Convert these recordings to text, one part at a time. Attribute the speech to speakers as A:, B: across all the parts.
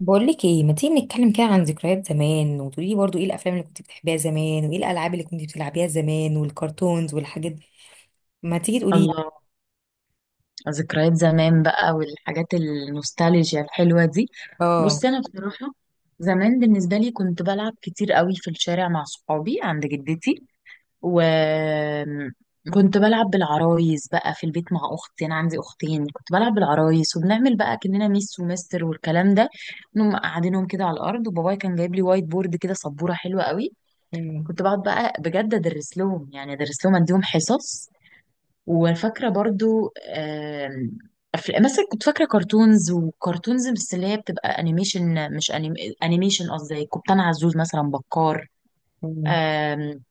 A: بقول لك ايه، ما تيجي نتكلم كده عن ذكريات زمان وتقولي لي برضو ايه الافلام اللي كنت بتحبيها زمان وايه الالعاب اللي كنت بتلعبيها زمان والكرتونز والحاجات دي؟ ما تيجي تقولي لي.
B: الله. ذكريات زمان بقى والحاجات النوستالجيا الحلوة دي.
A: اه.
B: بصي أنا بصراحة، زمان بالنسبة لي كنت بلعب كتير قوي في الشارع مع صحابي عند جدتي، وكنت بلعب بالعرايس بقى في البيت مع أختي. أنا عندي أختين، كنت بلعب بالعرايس وبنعمل بقى كأننا ميس ومستر والكلام ده. نقوم قاعدينهم كده على الأرض، وبابايا كان جايب لي وايت بورد كده، سبورة حلوة قوي.
A: مم،
B: كنت بقعد بقى بجد أدرس لهم، يعني أدرس لهم أديهم حصص. وفاكرة برضو مثلا كنت فاكرة كرتونز، وكرتونز بس اللي هي بتبقى انيميشن، مش انيميشن قصدي، كابتن عزوز مثلا، بكار.
A: مم،
B: آم،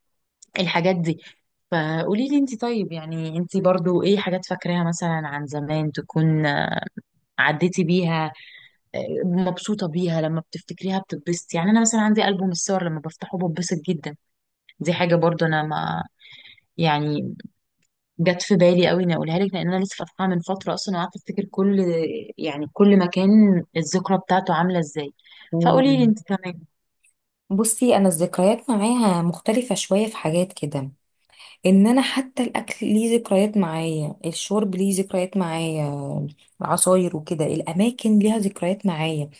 B: الحاجات دي. فقولي لي انت، طيب يعني انت برضو ايه حاجات فاكراها مثلا عن زمان، تكون عديتي بيها، آه، مبسوطة بيها، لما بتفتكريها بتتبسطي، يعني انا مثلا عندي ألبوم الصور، لما بفتحه بتبسط جدا. دي حاجة برضو انا، ما يعني، جت في بالي قوي اني اقولها لك، لان انا لسه فاتحاها من فتره اصلا، وقعدت افتكر كل، يعني كل مكان الذكرى بتاعته عامله ازاي. فقولي لي
A: مم.
B: انت كمان.
A: بصي، انا الذكريات معايا مختلفة شوية في حاجات كده. ان انا حتى الاكل ليه ذكريات معايا، الشرب ليه ذكريات معايا، العصاير وكده، الاماكن ليها ذكريات معايا.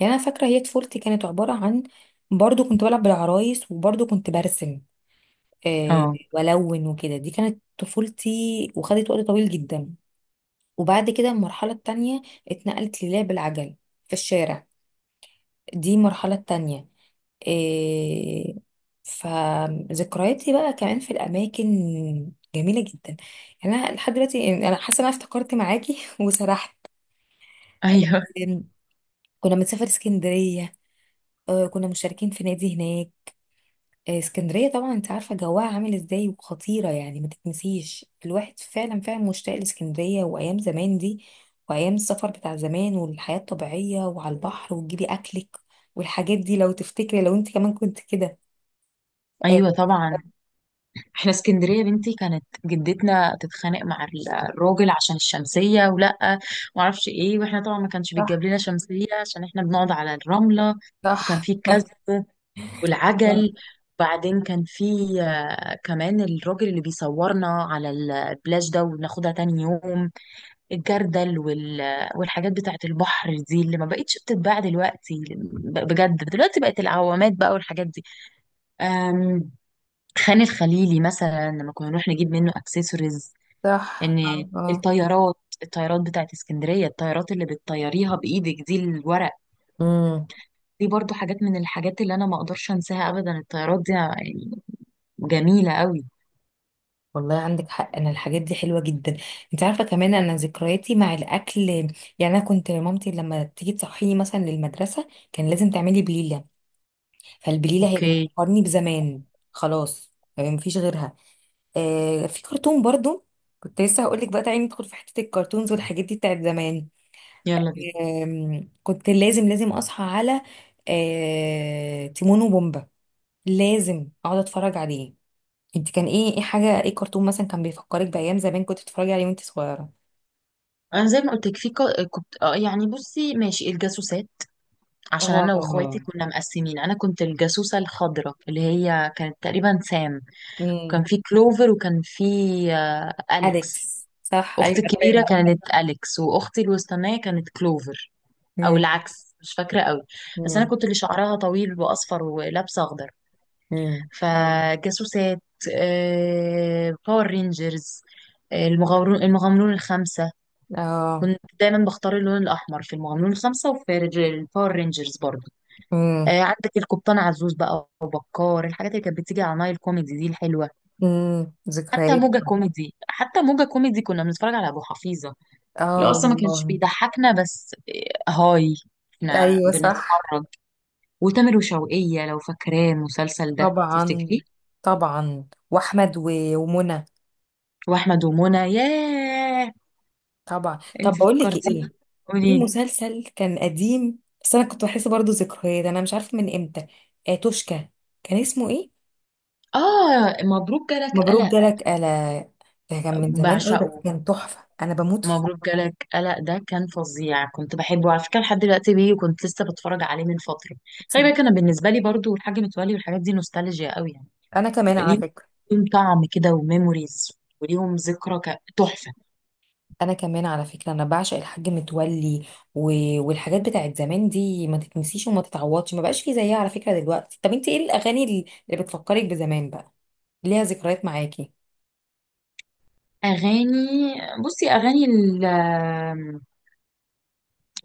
A: يعني انا فاكرة هي طفولتي كانت عبارة عن برضو كنت بلعب بالعرايس وبرضو كنت برسم،
B: اه.
A: والون وكده. دي كانت طفولتي وخدت وقت طويل جدا. وبعد كده المرحله التانية اتنقلت للعب العجل في الشارع، دي المرحله التانية. آه، فذكرياتي بقى كمان في الاماكن، جميله جدا. يعني انا لحد دلوقتي، يعني انا حاسه ان انا افتكرت معاكي وسرحت.
B: ايوه،
A: آم، كنا بنسافر اسكندريه، كنا مشتركين في نادي هناك. اسكندرية طبعا انت عارفة جواها عامل ازاي وخطيرة، يعني ما تتنسيش. الواحد فعلا فعلا مشتاق لاسكندرية وايام زمان دي، وايام السفر بتاع زمان والحياة الطبيعية وعلى البحر وتجيبي اكلك والحاجات دي. لو تفتكري، لو انت كمان كنت كده. آه.
B: ايوه طبعا. احنا اسكندريه يا بنتي، كانت جدتنا تتخانق مع الراجل عشان الشمسيه، ولا معرفش ايه، واحنا طبعا ما كانش
A: صح.
B: بيتجاب لنا شمسيه عشان احنا بنقعد على الرمله. وكان
A: صح.
B: في الكذب،
A: آه.
B: والعجل، وبعدين كان في كمان الراجل اللي بيصورنا على البلاش ده وناخدها تاني يوم، الجردل، والحاجات بتاعت البحر دي اللي ما بقتش بتتباع دلوقتي، بجد دلوقتي بقت العوامات بقى والحاجات دي. أم... خان الخليلي مثلا، لما كنا نروح نجيب منه اكسسوارز.
A: صح،
B: ان
A: اه، آه.
B: الطيارات الطيارات بتاعت اسكندرية، الطيارات اللي بتطيريها بإيدك دي، الورق.
A: امم.
B: دي برضو حاجات من الحاجات اللي انا ما اقدرش انساها ابدا، الطيارات دي يعني جميلة قوي.
A: والله عندك حق، انا الحاجات دي حلوه جدا. انت عارفه كمان انا ذكرياتي مع الاكل، يعني انا كنت مامتي لما تيجي تصحيني مثلا للمدرسه كان لازم تعملي بليله، فالبليله هي
B: اوكي.
A: بتفكرني بزمان، خلاص يعني مفيش غيرها. آه، في كرتون برضو كنت لسه هقول لك بقى، تعالي ندخل في حته الكرتونز والحاجات دي بتاعت زمان.
B: يلا بينا.
A: كنت لازم اصحى على آه تيمون وبومبا، لازم اقعد اتفرج عليه. انت كان ايه، ايه حاجه، ايه كرتون مثلا كان بيفكرك بايام زمان كنت بتتفرجي عليه وانت صغيره؟
B: انا زي ما قلت لك، كنت يعني، بصي ماشي، الجاسوسات. عشان انا واخواتي
A: اه.
B: كنا مقسمين، انا كنت الجاسوسة الخضراء اللي هي كانت تقريبا سام، وكان
A: امم.
B: في كلوفر، وكان في آه، اليكس.
A: اليكس، صح، ايوه
B: اختي الكبيرة
A: عارفاه.
B: كانت اليكس، واختي الوسطانية كانت كلوفر، او
A: امم.
B: العكس، مش فاكرة قوي. بس انا
A: امم.
B: كنت اللي شعرها طويل واصفر ولابسة اخضر،
A: امم.
B: فجاسوسات، باور رينجرز، المغامرون الخمسة.
A: اه.
B: كنت دايما بختار اللون الأحمر في المغامرون الخمسة وفي الباور رينجرز برضه.
A: امم.
B: عندك القبطان عزوز بقى، وبكار، الحاجات اللي كانت بتيجي على نايل كوميدي دي الحلوه.
A: امم،
B: حتى
A: ذكريات.
B: موجة كوميدي، كنا بنتفرج على ابو حفيظه، اللي هو
A: اه
B: اصلا ما كانش
A: والله.
B: بيضحكنا، بس هاي، احنا
A: ايوه صح.
B: بنتفرج. وتامر وشوقية، لو فاكراه المسلسل ده،
A: طبعا.
B: تفتكريه؟
A: طبعا، واحمد ومنى.
B: واحمد ومنى، ياه.
A: طبعا.
B: انت
A: طب بقول لك
B: فكرتيني،
A: ايه، في
B: قولي.
A: مسلسل كان قديم بس انا كنت بحس برضو ذكريات، انا مش عارفه من امتى. توشكا، كان اسمه ايه؟
B: اه، مبروك جالك
A: مبروك
B: قلق.
A: جالك قلا، ده كان من زمان قوي بس
B: بعشقه.
A: كان تحفه، انا بموت فيه.
B: مبروك جالك قلق ده كان فظيع، كنت بحبه على فكرة، لحد دلوقتي بيه، وكنت لسه بتفرج عليه من فترة. خلي بالك
A: تصدق؟
B: أنا بالنسبة لي برضو الحاج متولي والحاجات دي نوستالجيا قوي، يعني
A: انا كمان على
B: ليهم
A: فكره.
B: ليهم طعم كده وميموريز، وليهم ذكرى تحفة.
A: انا كمان على فكره، انا بعشق الحاج متولي. و... والحاجات بتاعت زمان دي ما تتنسيش وما تتعوضش، ما بقاش في زيها على فكره دلوقتي. طب انت ايه الاغاني اللي اللي بتفكرك بزمان بقى، ليها ذكريات معاكي؟
B: أغاني، بصي أغاني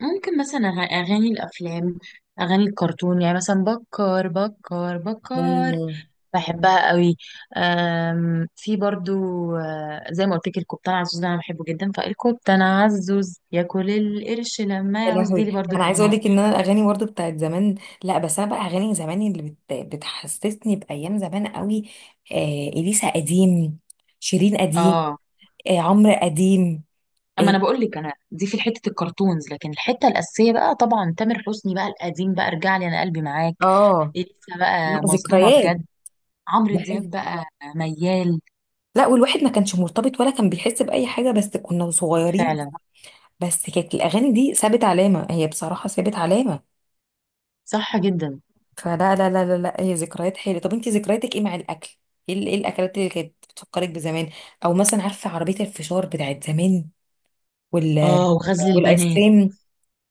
B: ممكن مثلا، أغاني الأفلام، أغاني الكرتون، يعني مثلا بكر بكر بكر،
A: مم.
B: بحبها قوي. في برضو، زي ما قلت لك الكبتان عزوز ده انا بحبه جدا، فالكبتان عزوز ياكل القرش لما
A: يا
B: يعوز، دي
A: لهوي.
B: لي برضو
A: انا عايزه اقول
B: الاغنيه.
A: لك ان انا الاغاني برضه بتاعت زمان، لا، بس انا بقى اغاني زمان اللي بتحسسني بايام زمان قوي. اليسا قديم، شيرين قديم،
B: اه.
A: عمرو قديم.
B: اما
A: اه.
B: انا بقول لك، انا دي في حته الكرتونز، لكن الحته الاساسيه بقى طبعا تامر حسني بقى القديم بقى، ارجع لي انا قلبي معاك،
A: آه،
B: لسه
A: لا،
B: بقى مصدومه
A: ذكريات.
B: بجد. عمرو دياب بقى، ميال.
A: لا، والواحد ما كانش مرتبط ولا كان بيحس بأي حاجة، بس كنا صغيرين،
B: فعلا.
A: بس كانت الأغاني دي سابت علامة، هي بصراحة سابت علامة.
B: صح جدا.
A: فلا لا لا لا لا، هي ذكريات حلوة. طب انت ذكرياتك ايه مع الأكل؟ ايه إيه الأكلات اللي كانت بتفكرك بزمان؟ أو مثلا عارفة عربية الفشار بتاعت زمان وال
B: اه، وغزل
A: والآيس
B: البنات،
A: كريم؟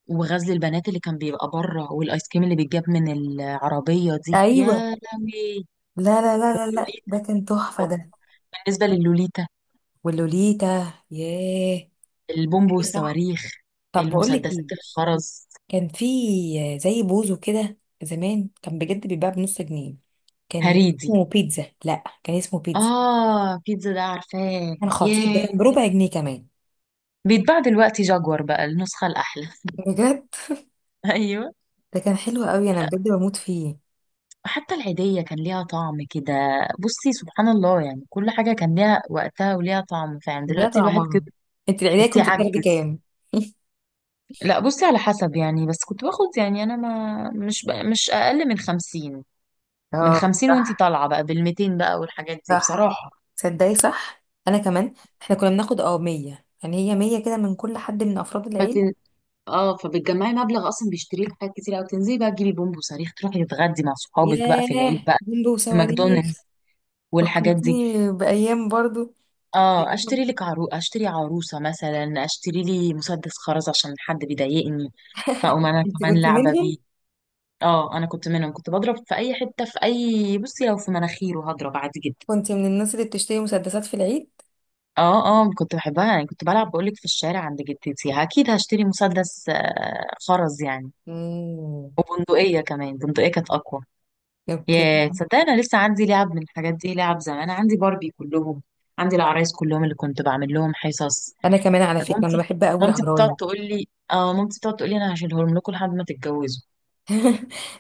B: وغزل البنات اللي كان بيبقى بره، والايس كريم اللي بيتجاب من العربيه دي، يا
A: أيوه.
B: لهوي.
A: لا لا لا لا لا، ده
B: واللوليتا.
A: كان تحفة
B: طب
A: ده.
B: بالنسبه للوليتا،
A: واللوليتا. ياه.
B: البومب
A: إيه صح.
B: والصواريخ،
A: طب بقول لك
B: المسدسات
A: ايه،
B: الخرز،
A: كان في زي بوزو كده زمان، كان بجد بيتباع بنص جنيه، كان
B: هريدي.
A: اسمه بيتزا. لا، كان اسمه بيتزا،
B: اه، بيتزا ده عارفاه،
A: كان خطير ده،
B: ياه.
A: كان بربع جنيه كمان.
B: بيتباع دلوقتي جاكور بقى، النسخه الاحلى.
A: بجد
B: ايوه.
A: ده كان حلو قوي، انا بجد بموت فيه.
B: حتى العيديه كان ليها طعم كده. بصي سبحان الله، يعني كل حاجه كان ليها وقتها وليها طعم فعلا،
A: ليها
B: دلوقتي الواحد كده
A: طعمها. انت العيدية
B: تحسيه
A: كنت بتاخدي
B: عجز.
A: كام؟
B: لا بصي، على حسب يعني، بس كنت باخد يعني، انا ما مش بقى مش اقل من 50. من
A: اه
B: خمسين وانتي
A: صح.
B: طالعه بقى بالـ200 بقى، والحاجات دي
A: صح.
B: بصراحه.
A: تصدقي؟ صح. انا كمان، احنا كنا بناخد اه 100، يعني هي 100 كده من كل حد من افراد
B: فتن...
A: العيله.
B: اه فبتجمعي مبلغ اصلا بيشتري لك حاجات كتير قوي، تنزلي بقى تجيبي بومب وصريخ، تروحي تتغدي مع صحابك بقى
A: ياه،
B: في العيد بقى
A: جنبه
B: في ماكدونالدز
A: وصواريخ.
B: والحاجات دي.
A: فكرتني بايام برضو.
B: اه اشتري عروسه مثلا، اشتري لي مسدس خرز عشان حد بيضايقني، فاقوم انا
A: انت
B: كمان
A: كنت
B: لعبه
A: منهم،
B: بيه. اه، انا كنت منهم، كنت بضرب في اي حته، في اي بصي لو في مناخيره هضرب عادي جدا.
A: كنت من الناس اللي بتشتري مسدسات في العيد؟
B: اه اه، كنت بحبها يعني، كنت بلعب بقولك في الشارع عند جدتي، اكيد هشتري مسدس خرز يعني.
A: امم.
B: وبندقية كمان، بندقية كانت اقوى.
A: اوكي.
B: يا تصدقني، انا لسه عندي لعب من الحاجات دي، لعب زمان، عندي باربي كلهم، عندي العرايس كلهم اللي كنت بعمل لهم حصص.
A: انا كمان على فكره انا
B: مامتي
A: بحب قوي
B: مامتي بتقعد
A: العرايس
B: تقول لي، انا هشيلهم لكم لحد ما تتجوزوا.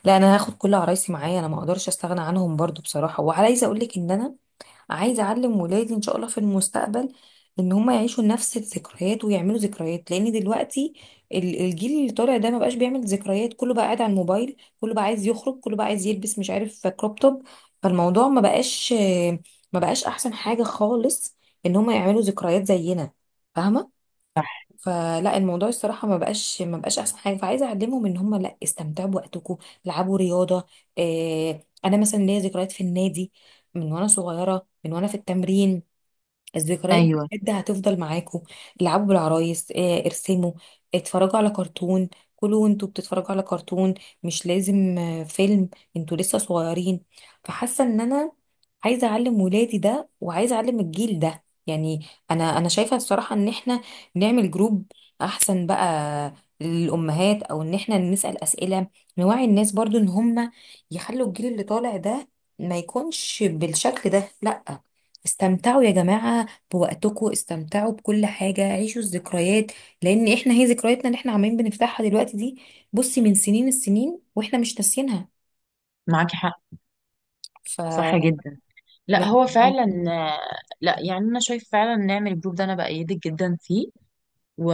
A: لا، انا هاخد كل عرايسي معايا، انا ما اقدرش استغنى عنهم برضو بصراحه. وعايزه اقول لك ان انا عايزه اعلم ولادي ان شاء الله في المستقبل، ان هم يعيشوا نفس الذكريات ويعملوا ذكريات، لان دلوقتي الجيل اللي طالع ده ما بقاش بيعمل ذكريات، كله بقى قاعد على الموبايل، كله بقى عايز يخرج، كله بقى عايز يلبس مش عارف كروب توب. فالموضوع ما بقاش احسن حاجه خالص، ان هم يعملوا ذكريات زينا، فاهمه؟
B: صح.
A: فلا، الموضوع الصراحه ما بقاش احسن حاجه. فعايزه اعلمهم ان هم لا، استمتعوا بوقتكم، العبوا رياضه. إيه، انا مثلا ليا ذكريات في النادي من وانا صغيره، من وانا في التمرين، الذكريات دي
B: ايوه.
A: بجد هتفضل معاكوا. العبوا بالعرايس، ارسموا، اتفرجوا على كرتون، كلوا وانتوا بتتفرجوا على كرتون، مش لازم فيلم، انتوا لسه صغيرين. فحاسه ان انا عايزه اعلم ولادي ده، وعايزه اعلم الجيل ده. يعني انا، انا شايفه الصراحه ان احنا نعمل جروب احسن بقى للامهات، او ان احنا نسال اسئله، نوعي الناس برضو ان هم يخلوا الجيل اللي طالع ده ما يكونش بالشكل ده. لا، استمتعوا يا جماعة بوقتكم، استمتعوا بكل حاجة، عيشوا الذكريات، لأن احنا هي ذكرياتنا اللي احنا عمالين بنفتحها دلوقتي دي بصي من سنين السنين واحنا مش ناسيينها.
B: معاكي حق.
A: ف
B: صح جدا. لا
A: مه-
B: هو فعلا. آه، لا يعني، انا شايف فعلا نعمل الجروب ده، انا بأيدك جدا فيه. و...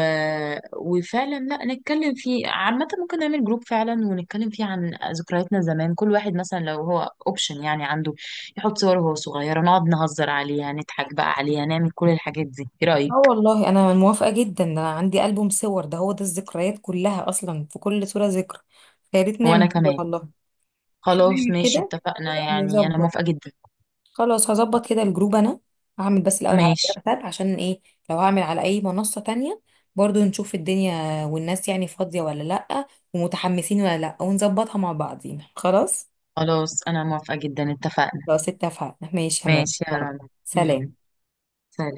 B: وفعلا لا، نتكلم فيه عامة، ممكن نعمل جروب فعلا ونتكلم فيه عن ذكرياتنا زمان، كل واحد مثلا لو هو اوبشن يعني عنده، يحط صوره وهو صغير، نقعد نهزر عليها، نضحك بقى عليها، نعمل كل الحاجات دي. ايه
A: اه
B: رأيك؟
A: والله انا موافقة جدا، ده انا عندي ألبوم صور، ده هو ده الذكريات كلها اصلا، في كل صورة ذكر، فيا ريت
B: وانا
A: نعمل كده
B: كمان.
A: والله. احنا
B: خلاص
A: نعمل
B: ماشي،
A: كده،
B: اتفقنا، يعني انا
A: نظبط.
B: موافقة جدا.
A: خلاص، هظبط كده الجروب. انا هعمل بس الاول على
B: ماشي.
A: الواتساب، عشان ايه، لو هعمل على اي منصة تانية برضو نشوف الدنيا والناس يعني فاضية ولا لأ، ومتحمسين ولا لأ، ونظبطها مع بعضينا. خلاص،
B: خلاص انا موافقة جدا، اتفقنا.
A: خلاص اتفقنا، ماشي يا مريم،
B: ماشي يا رنا. يلا،
A: سلام.
B: سلام.